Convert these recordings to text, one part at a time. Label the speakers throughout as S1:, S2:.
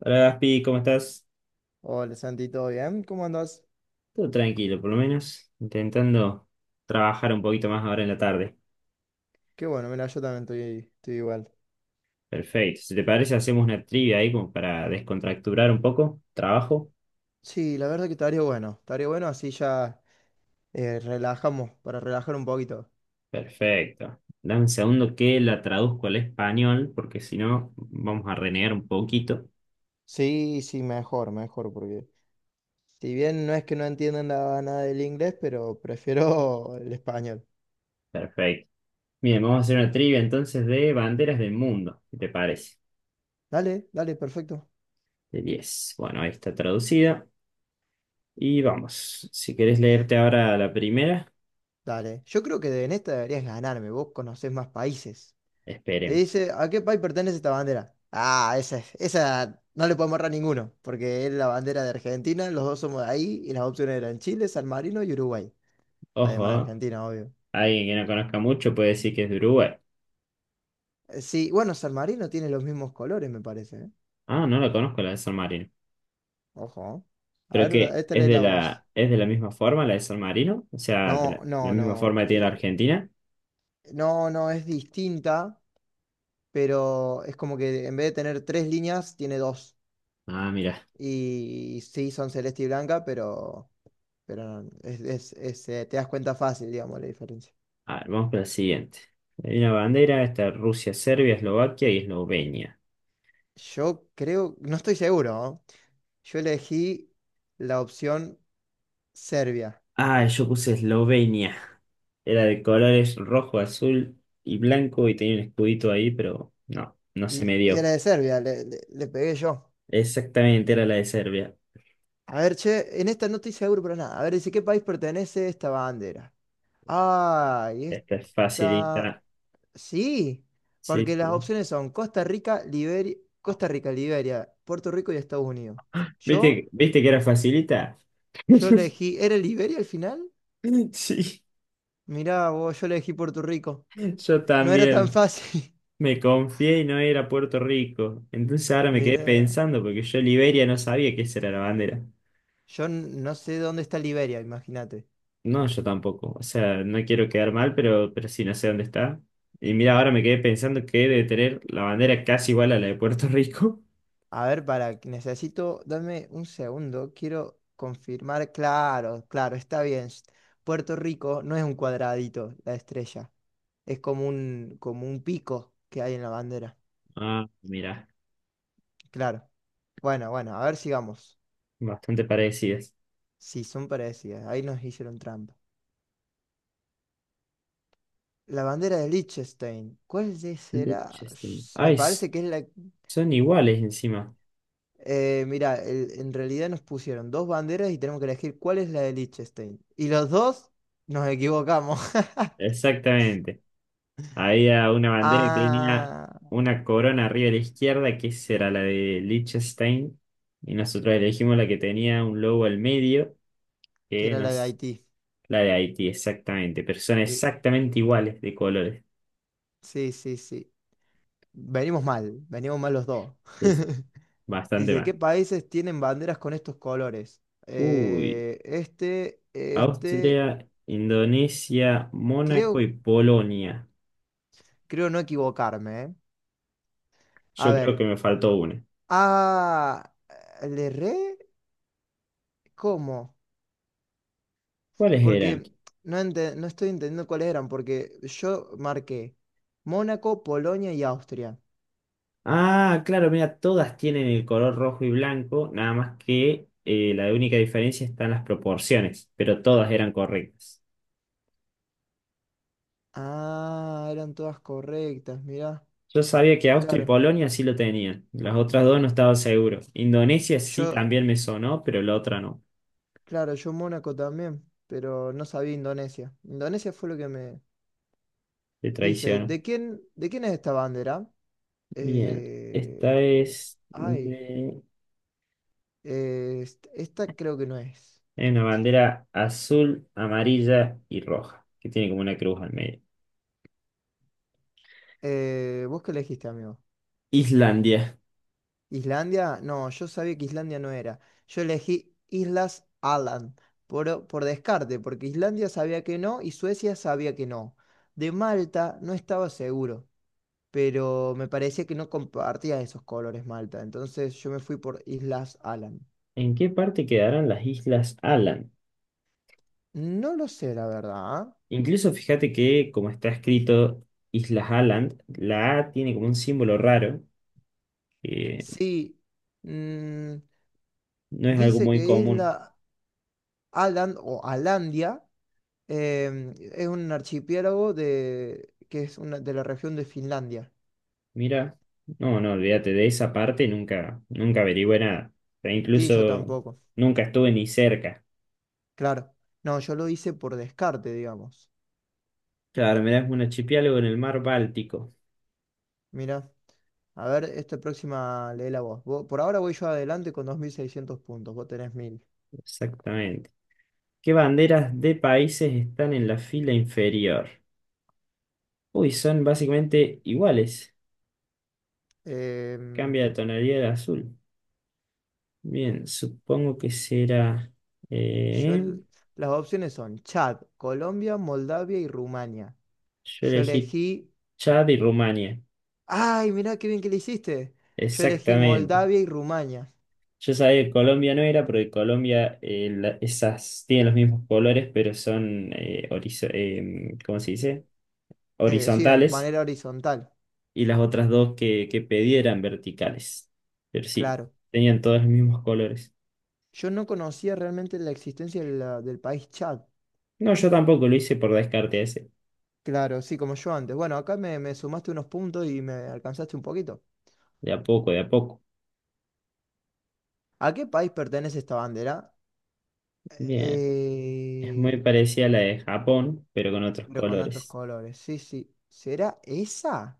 S1: Hola Gaspi, ¿cómo estás?
S2: Hola Santi, ¿todo bien? ¿Cómo andas?
S1: Todo tranquilo, por lo menos, intentando trabajar un poquito más ahora en la tarde.
S2: Qué bueno, mira, yo también estoy igual.
S1: Perfecto. Si te parece, hacemos una trivia ahí como para descontracturar un poco. ¿Trabajo?
S2: Sí, la verdad que estaría bueno así ya relajamos, para relajar un poquito.
S1: Perfecto. Dame un segundo que la traduzco al español, porque si no, vamos a renegar un poquito.
S2: Sí, sí, mejor, mejor, porque si bien no es que no entiendan nada del inglés, pero prefiero el español.
S1: Perfecto. Bien, vamos a hacer una trivia entonces de banderas del mundo, si te parece.
S2: Dale, dale, perfecto.
S1: De 10. Bueno, ahí está traducida. Y vamos. Si querés leerte ahora la primera,
S2: Dale, yo creo que en esta deberías ganarme, vos conocés más países. Y
S1: esperemos.
S2: dice, ¿a qué país pertenece esta bandera? Ah, esa, esa no le podemos errar ninguno, porque es la bandera de Argentina, los dos somos de ahí, y las opciones eran Chile, San Marino y Uruguay. Además de
S1: Ojo, ¿eh?
S2: Argentina, obvio.
S1: Alguien que no conozca mucho puede decir que es de Uruguay.
S2: Sí, bueno, San Marino tiene los mismos colores, me parece, ¿eh?
S1: Ah, no la conozco la de San Marino.
S2: Ojo, ¿eh? A
S1: ¿Pero
S2: ver,
S1: qué?
S2: esta
S1: ¿Es
S2: lee
S1: de
S2: la voz.
S1: la, es de la misma forma la de San Marino? O sea, de
S2: No,
S1: la
S2: no,
S1: misma
S2: no.
S1: forma que tiene la Argentina.
S2: No, no, es distinta, pero es como que en vez de tener tres líneas, tiene dos.
S1: Ah, mira.
S2: Y sí, son celeste y blanca. Pero no, te das cuenta fácil, digamos, la diferencia.
S1: A ver, vamos para la siguiente. Hay una bandera, está Rusia, Serbia, Eslovaquia y Eslovenia.
S2: Yo creo, no estoy seguro, ¿no? Yo elegí la opción Serbia.
S1: Ah, yo puse Eslovenia. Era de colores rojo, azul y blanco y tenía un escudito ahí, pero no se
S2: Y,
S1: me
S2: y
S1: dio.
S2: era de Serbia, le pegué yo.
S1: Exactamente, era la de Serbia.
S2: A ver, che, en esta no estoy seguro para nada. A ver, dice, ¿qué país pertenece esta bandera? Ah, y
S1: Esta es
S2: esta.
S1: facilita.
S2: Sí,
S1: Sí,
S2: porque
S1: sí.
S2: las opciones son Costa Rica, Liberia, Puerto Rico y Estados Unidos. Yo,
S1: ¿Viste que era facilita?
S2: yo elegí, ¿era Liberia al final?
S1: Sí,
S2: Mirá, vos, yo le elegí Puerto Rico.
S1: yo
S2: No era tan
S1: también
S2: fácil.
S1: me confié y no era Puerto Rico. Entonces ahora me quedé
S2: Mirá,
S1: pensando porque yo Liberia no sabía que esa era la bandera.
S2: yo no sé dónde está Liberia, imagínate.
S1: No, yo tampoco. O sea, no quiero quedar mal, pero sí, no sé dónde está. Y mira, ahora me quedé pensando que debe tener la bandera casi igual a la de Puerto Rico.
S2: A ver, para, necesito, dame un segundo, quiero confirmar. Claro, claro, está bien. Puerto Rico no es un cuadradito, la estrella. Es como un pico que hay en la bandera.
S1: Ah, mira,
S2: Claro. Bueno, bueno, a ver, sigamos.
S1: bastante parecidas.
S2: Sí, son parecidas. Ahí nos hicieron trampa. La bandera de Liechtenstein. ¿Cuál de será?
S1: Liechtenstein.
S2: Me
S1: Ay,
S2: parece que es la.
S1: son iguales encima.
S2: Mira, en realidad nos pusieron dos banderas y tenemos que elegir cuál es la de Liechtenstein. Y los dos nos equivocamos.
S1: Exactamente. Había una bandera que tenía
S2: Ah,
S1: una corona arriba a la izquierda, que esa era la de Liechtenstein, y nosotros elegimos la que tenía un logo al medio,
S2: que
S1: que
S2: era la de
S1: nos,
S2: Haití.
S1: la de Haití, exactamente, pero son
S2: Sí,
S1: exactamente iguales de colores.
S2: sí, sí. Sí. Venimos mal los dos.
S1: Sí, sí, bastante
S2: Dice, ¿qué
S1: mal.
S2: países tienen banderas con estos colores?
S1: Uy, Austria, Indonesia, Mónaco y
S2: Creo,
S1: Polonia.
S2: creo no equivocarme, ¿eh? A
S1: Yo creo
S2: ver,
S1: que me faltó una.
S2: ah, ¿le re? ¿Cómo?
S1: ¿Cuáles eran?
S2: Porque no, no estoy entendiendo cuáles eran, porque yo marqué Mónaco, Polonia y Austria.
S1: Ah, claro, mira, todas tienen el color rojo y blanco, nada más que la única diferencia está en las proporciones, pero todas eran correctas.
S2: Ah, eran todas correctas, mirá.
S1: Yo sabía que Austria y
S2: Claro,
S1: Polonia sí lo tenían, las otras dos no estaba seguro. Indonesia sí
S2: yo,
S1: también me sonó, pero la otra no,
S2: claro, yo Mónaco también, pero no sabía Indonesia. Indonesia fue lo que me
S1: te
S2: dice.
S1: traiciono.
S2: ¿De quién es esta bandera?
S1: Bien,
S2: Eh, ay, esta creo que no es.
S1: hay una bandera azul, amarilla y roja, que tiene como una cruz al medio.
S2: ¿Vos qué elegiste, amigo?
S1: Islandia.
S2: ¿Islandia? No, yo sabía que Islandia no era. Yo elegí Islas Aland por descarte, porque Islandia sabía que no y Suecia sabía que no. De Malta no estaba seguro, pero me parecía que no compartía esos colores Malta, entonces yo me fui por Islas Aland.
S1: ¿En qué parte quedarán las islas Alan?
S2: No lo sé, la verdad, ¿eh?
S1: Incluso fíjate que, como está escrito Islas Aland, la A tiene como un símbolo raro, que
S2: Sí, mm,
S1: no es algo
S2: dice
S1: muy
S2: que
S1: común.
S2: Isla Aland o Alandia es un archipiélago de, que es una, de la región de Finlandia.
S1: Mira, no, no, olvídate de esa parte, nunca, nunca averigüé nada. E
S2: Sí, yo
S1: incluso
S2: tampoco.
S1: nunca estuve ni cerca.
S2: Claro. No, yo lo hice por descarte, digamos.
S1: Claro, mirá, es un archipiélago en el mar Báltico.
S2: Mira, a ver, esta próxima léela vos. Por ahora voy yo adelante con 2600 puntos, vos tenés 1000.
S1: Exactamente. ¿Qué banderas de países están en la fila inferior? Uy, son básicamente iguales.
S2: Em,
S1: Cambia de tonalidad de azul. Bien, supongo que será.
S2: yo,
S1: eh,
S2: el- las opciones son Chad, Colombia, Moldavia y Rumania.
S1: Yo
S2: Yo
S1: elegí
S2: elegí.
S1: Chad y Rumania,
S2: ¡Ay, mirá qué bien que le hiciste! Yo elegí
S1: exactamente.
S2: Moldavia y Rumania.
S1: Yo sabía que Colombia no era, porque Colombia esas tienen los mismos colores, pero son, ¿cómo se dice?
S2: Sí, de
S1: Horizontales,
S2: manera horizontal,
S1: y las otras dos que pedí eran verticales. Pero sí,
S2: claro.
S1: tenían todos los mismos colores.
S2: Yo no conocía realmente la existencia del país Chad.
S1: No, yo tampoco lo hice por descarte ese,
S2: Claro, sí, como yo antes. Bueno, acá me sumaste unos puntos y me alcanzaste un poquito.
S1: de a poco, de a poco.
S2: ¿A qué país pertenece esta bandera?
S1: Bien, es muy
S2: Eh,
S1: parecida a la de Japón, pero con otros
S2: pero con otros
S1: colores.
S2: colores. Sí, sí. ¿Será esa?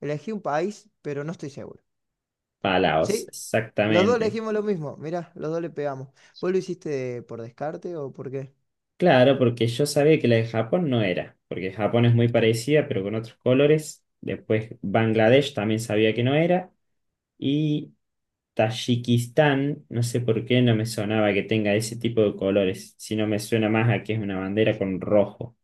S2: Elegí un país, pero no estoy seguro.
S1: Palaos,
S2: Sí, los dos
S1: exactamente.
S2: elegimos lo mismo. Mirá, los dos le pegamos. ¿Vos lo hiciste por descarte o por qué?
S1: Claro, porque yo sabía que la de Japón no era, porque Japón es muy parecida, pero con otros colores. Después Bangladesh también sabía que no era. Y Tayikistán, no sé por qué no me sonaba que tenga ese tipo de colores, sino me suena más a que es una bandera con rojo.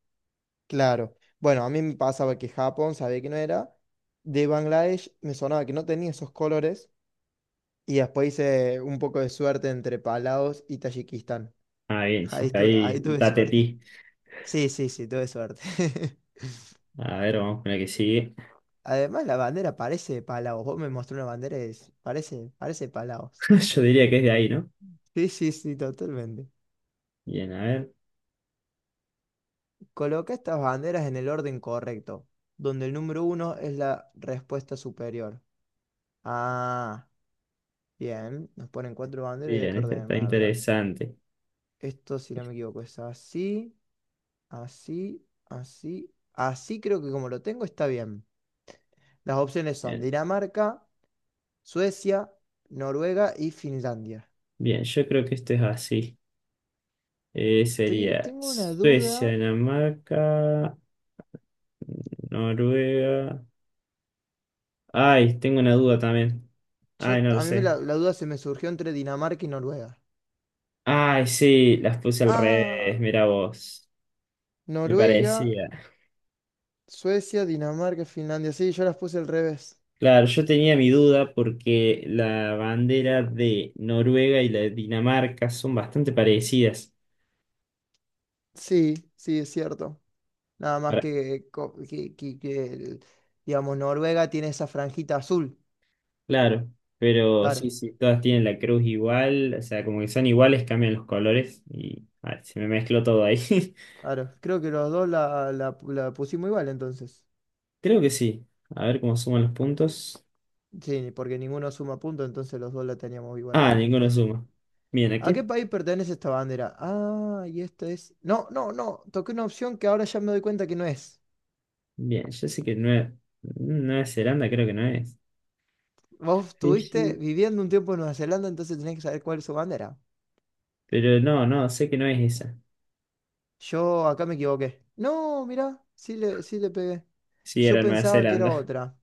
S2: Claro. Bueno, a mí me pasaba que Japón sabía que no era. De Bangladesh me sonaba que no tenía esos colores. Y después hice un poco de suerte entre Palaos y Tayikistán.
S1: Ah, bien, sí,
S2: Ahí
S1: está
S2: tuve,
S1: ahí
S2: ahí
S1: un
S2: tuve suerte.
S1: tatetí.
S2: Sí, sí, sí, tuve suerte.
S1: A ver, vamos con la que sigue.
S2: Además, la bandera parece de Palaos. Vos me mostró una bandera y parece Palaos.
S1: Yo diría que es de ahí, ¿no?
S2: Sí, sí, sí, totalmente.
S1: Bien, a ver.
S2: Coloca estas banderas en el orden correcto, donde el número uno es la respuesta superior. Ah, bien. Nos ponen cuatro banderas y hay
S1: Bien,
S2: que
S1: esta está
S2: ordenarlas.
S1: interesante.
S2: Esto, si no me equivoco, es así. Así, así, así creo que como lo tengo está bien. Las opciones son
S1: Bien,
S2: Dinamarca, Suecia, Noruega y Finlandia.
S1: bien, yo creo que esto es así.
S2: Estoy-
S1: Sería
S2: tengo una
S1: Suecia,
S2: duda.
S1: Dinamarca, Noruega. Ay, tengo una duda también.
S2: Yo,
S1: Ay, no lo
S2: a mí me la,
S1: sé.
S2: la duda se me surgió entre Dinamarca y Noruega.
S1: Ay, sí, las puse al revés,
S2: Ah,
S1: mira vos. Me
S2: Noruega,
S1: parecía.
S2: Suecia, Dinamarca, Finlandia. Sí, yo las puse al revés.
S1: Claro, yo tenía mi duda porque la bandera de Noruega y la de Dinamarca son bastante parecidas.
S2: Sí, sí, es cierto. Nada más
S1: Para-
S2: que, digamos, Noruega tiene esa franjita azul.
S1: claro, pero sí,
S2: Claro.
S1: sí, todas tienen la cruz igual, o sea, como que son iguales, cambian los colores y ay, se me mezcló todo ahí.
S2: Claro, creo que los dos la pusimos igual entonces.
S1: Creo que sí. A ver cómo suman los puntos.
S2: Sí, porque ninguno suma punto, entonces los dos la teníamos igual a
S1: Ah,
S2: la
S1: ninguno
S2: respuesta.
S1: suma. Bien,
S2: ¿A
S1: aquí.
S2: qué país pertenece esta bandera? Ah, y esta es. No, no, no, toqué una opción que ahora ya me doy cuenta que no es.
S1: Bien, yo sé que Nueva Zelanda creo que no es.
S2: Vos estuviste
S1: Fiji.
S2: viviendo un tiempo en Nueva Zelanda, entonces tenés que saber cuál es su bandera.
S1: Pero no, no, sé que no es esa.
S2: Yo acá me equivoqué. No, mirá, sí le pegué.
S1: Sí,
S2: Yo
S1: era Nueva
S2: pensaba que era
S1: Zelanda.
S2: otra,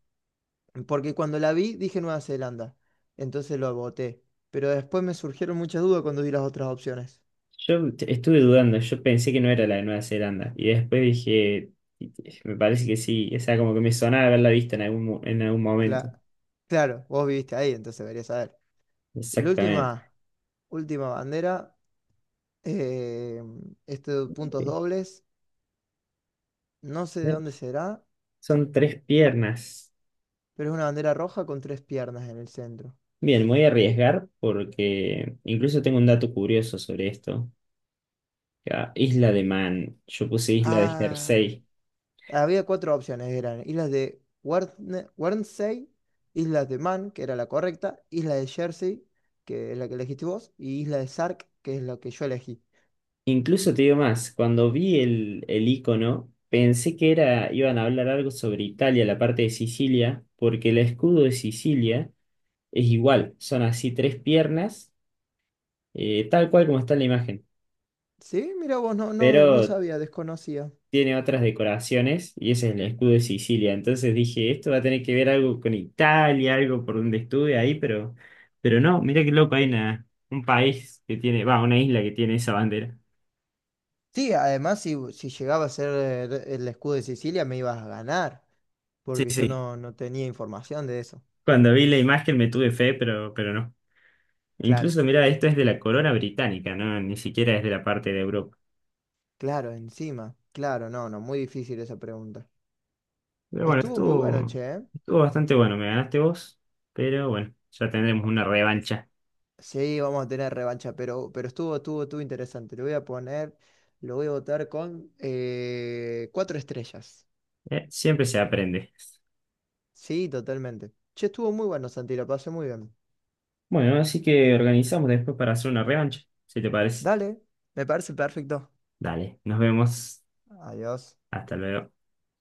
S2: porque cuando la vi dije Nueva Zelanda, entonces lo voté. Pero después me surgieron muchas dudas cuando vi las otras opciones.
S1: Estuve dudando, yo pensé que no era la de Nueva Zelanda. Y después dije, me parece que sí. O sea, como que me sonaba haberla visto en algún momento.
S2: Cla- claro, vos viviste ahí, entonces deberías saber. La
S1: Exactamente.
S2: última, última bandera, eh, estos puntos dobles, no sé de dónde será,
S1: Son tres piernas.
S2: pero es una bandera roja con tres piernas en el centro.
S1: Bien, me voy a arriesgar porque incluso tengo un dato curioso sobre esto. Ah, Isla de Man, yo puse Isla de
S2: Ah,
S1: Jersey.
S2: había cuatro opciones, eran islas de Guernsey, islas de Man, que era la correcta, isla de Jersey, que es la que elegiste vos, y isla de Sark, que es la que yo elegí.
S1: Incluso te digo más, cuando vi el icono, pensé que era, iban a hablar algo sobre Italia, la parte de Sicilia, porque el escudo de Sicilia es igual, son así tres piernas, tal cual como está en la imagen,
S2: Sí, mira vos, no, no, no
S1: pero
S2: sabía, desconocía.
S1: tiene otras decoraciones y ese es el escudo de Sicilia. Entonces dije, esto va a tener que ver algo con Italia, algo por donde estuve ahí, pero no, mira qué loco, un país que tiene, va, una isla que tiene esa bandera.
S2: Sí, además si llegaba a ser el escudo de Sicilia me ibas a ganar,
S1: Sí,
S2: porque yo
S1: sí.
S2: no, no tenía información de eso.
S1: Cuando vi la imagen me tuve fe, pero no.
S2: Claro,
S1: Incluso, mira, esto es de la corona británica, ¿no? Ni siquiera es de la parte de Europa.
S2: claro, encima. Claro, no, no, muy difícil esa pregunta.
S1: Pero bueno,
S2: Estuvo muy bueno,
S1: estuvo,
S2: che, ¿eh?
S1: estuvo bastante bueno. Me ganaste vos, pero bueno, ya tendremos una revancha.
S2: Sí, vamos a tener revancha, pero estuvo interesante. Lo voy a votar con cuatro estrellas.
S1: Siempre se aprende.
S2: Sí, totalmente. Che, estuvo muy bueno, Santi, lo pasé muy bien.
S1: Bueno, así que organizamos después para hacer una revancha, si te parece.
S2: Dale, me parece perfecto.
S1: Dale, nos vemos.
S2: Adiós.
S1: Hasta luego.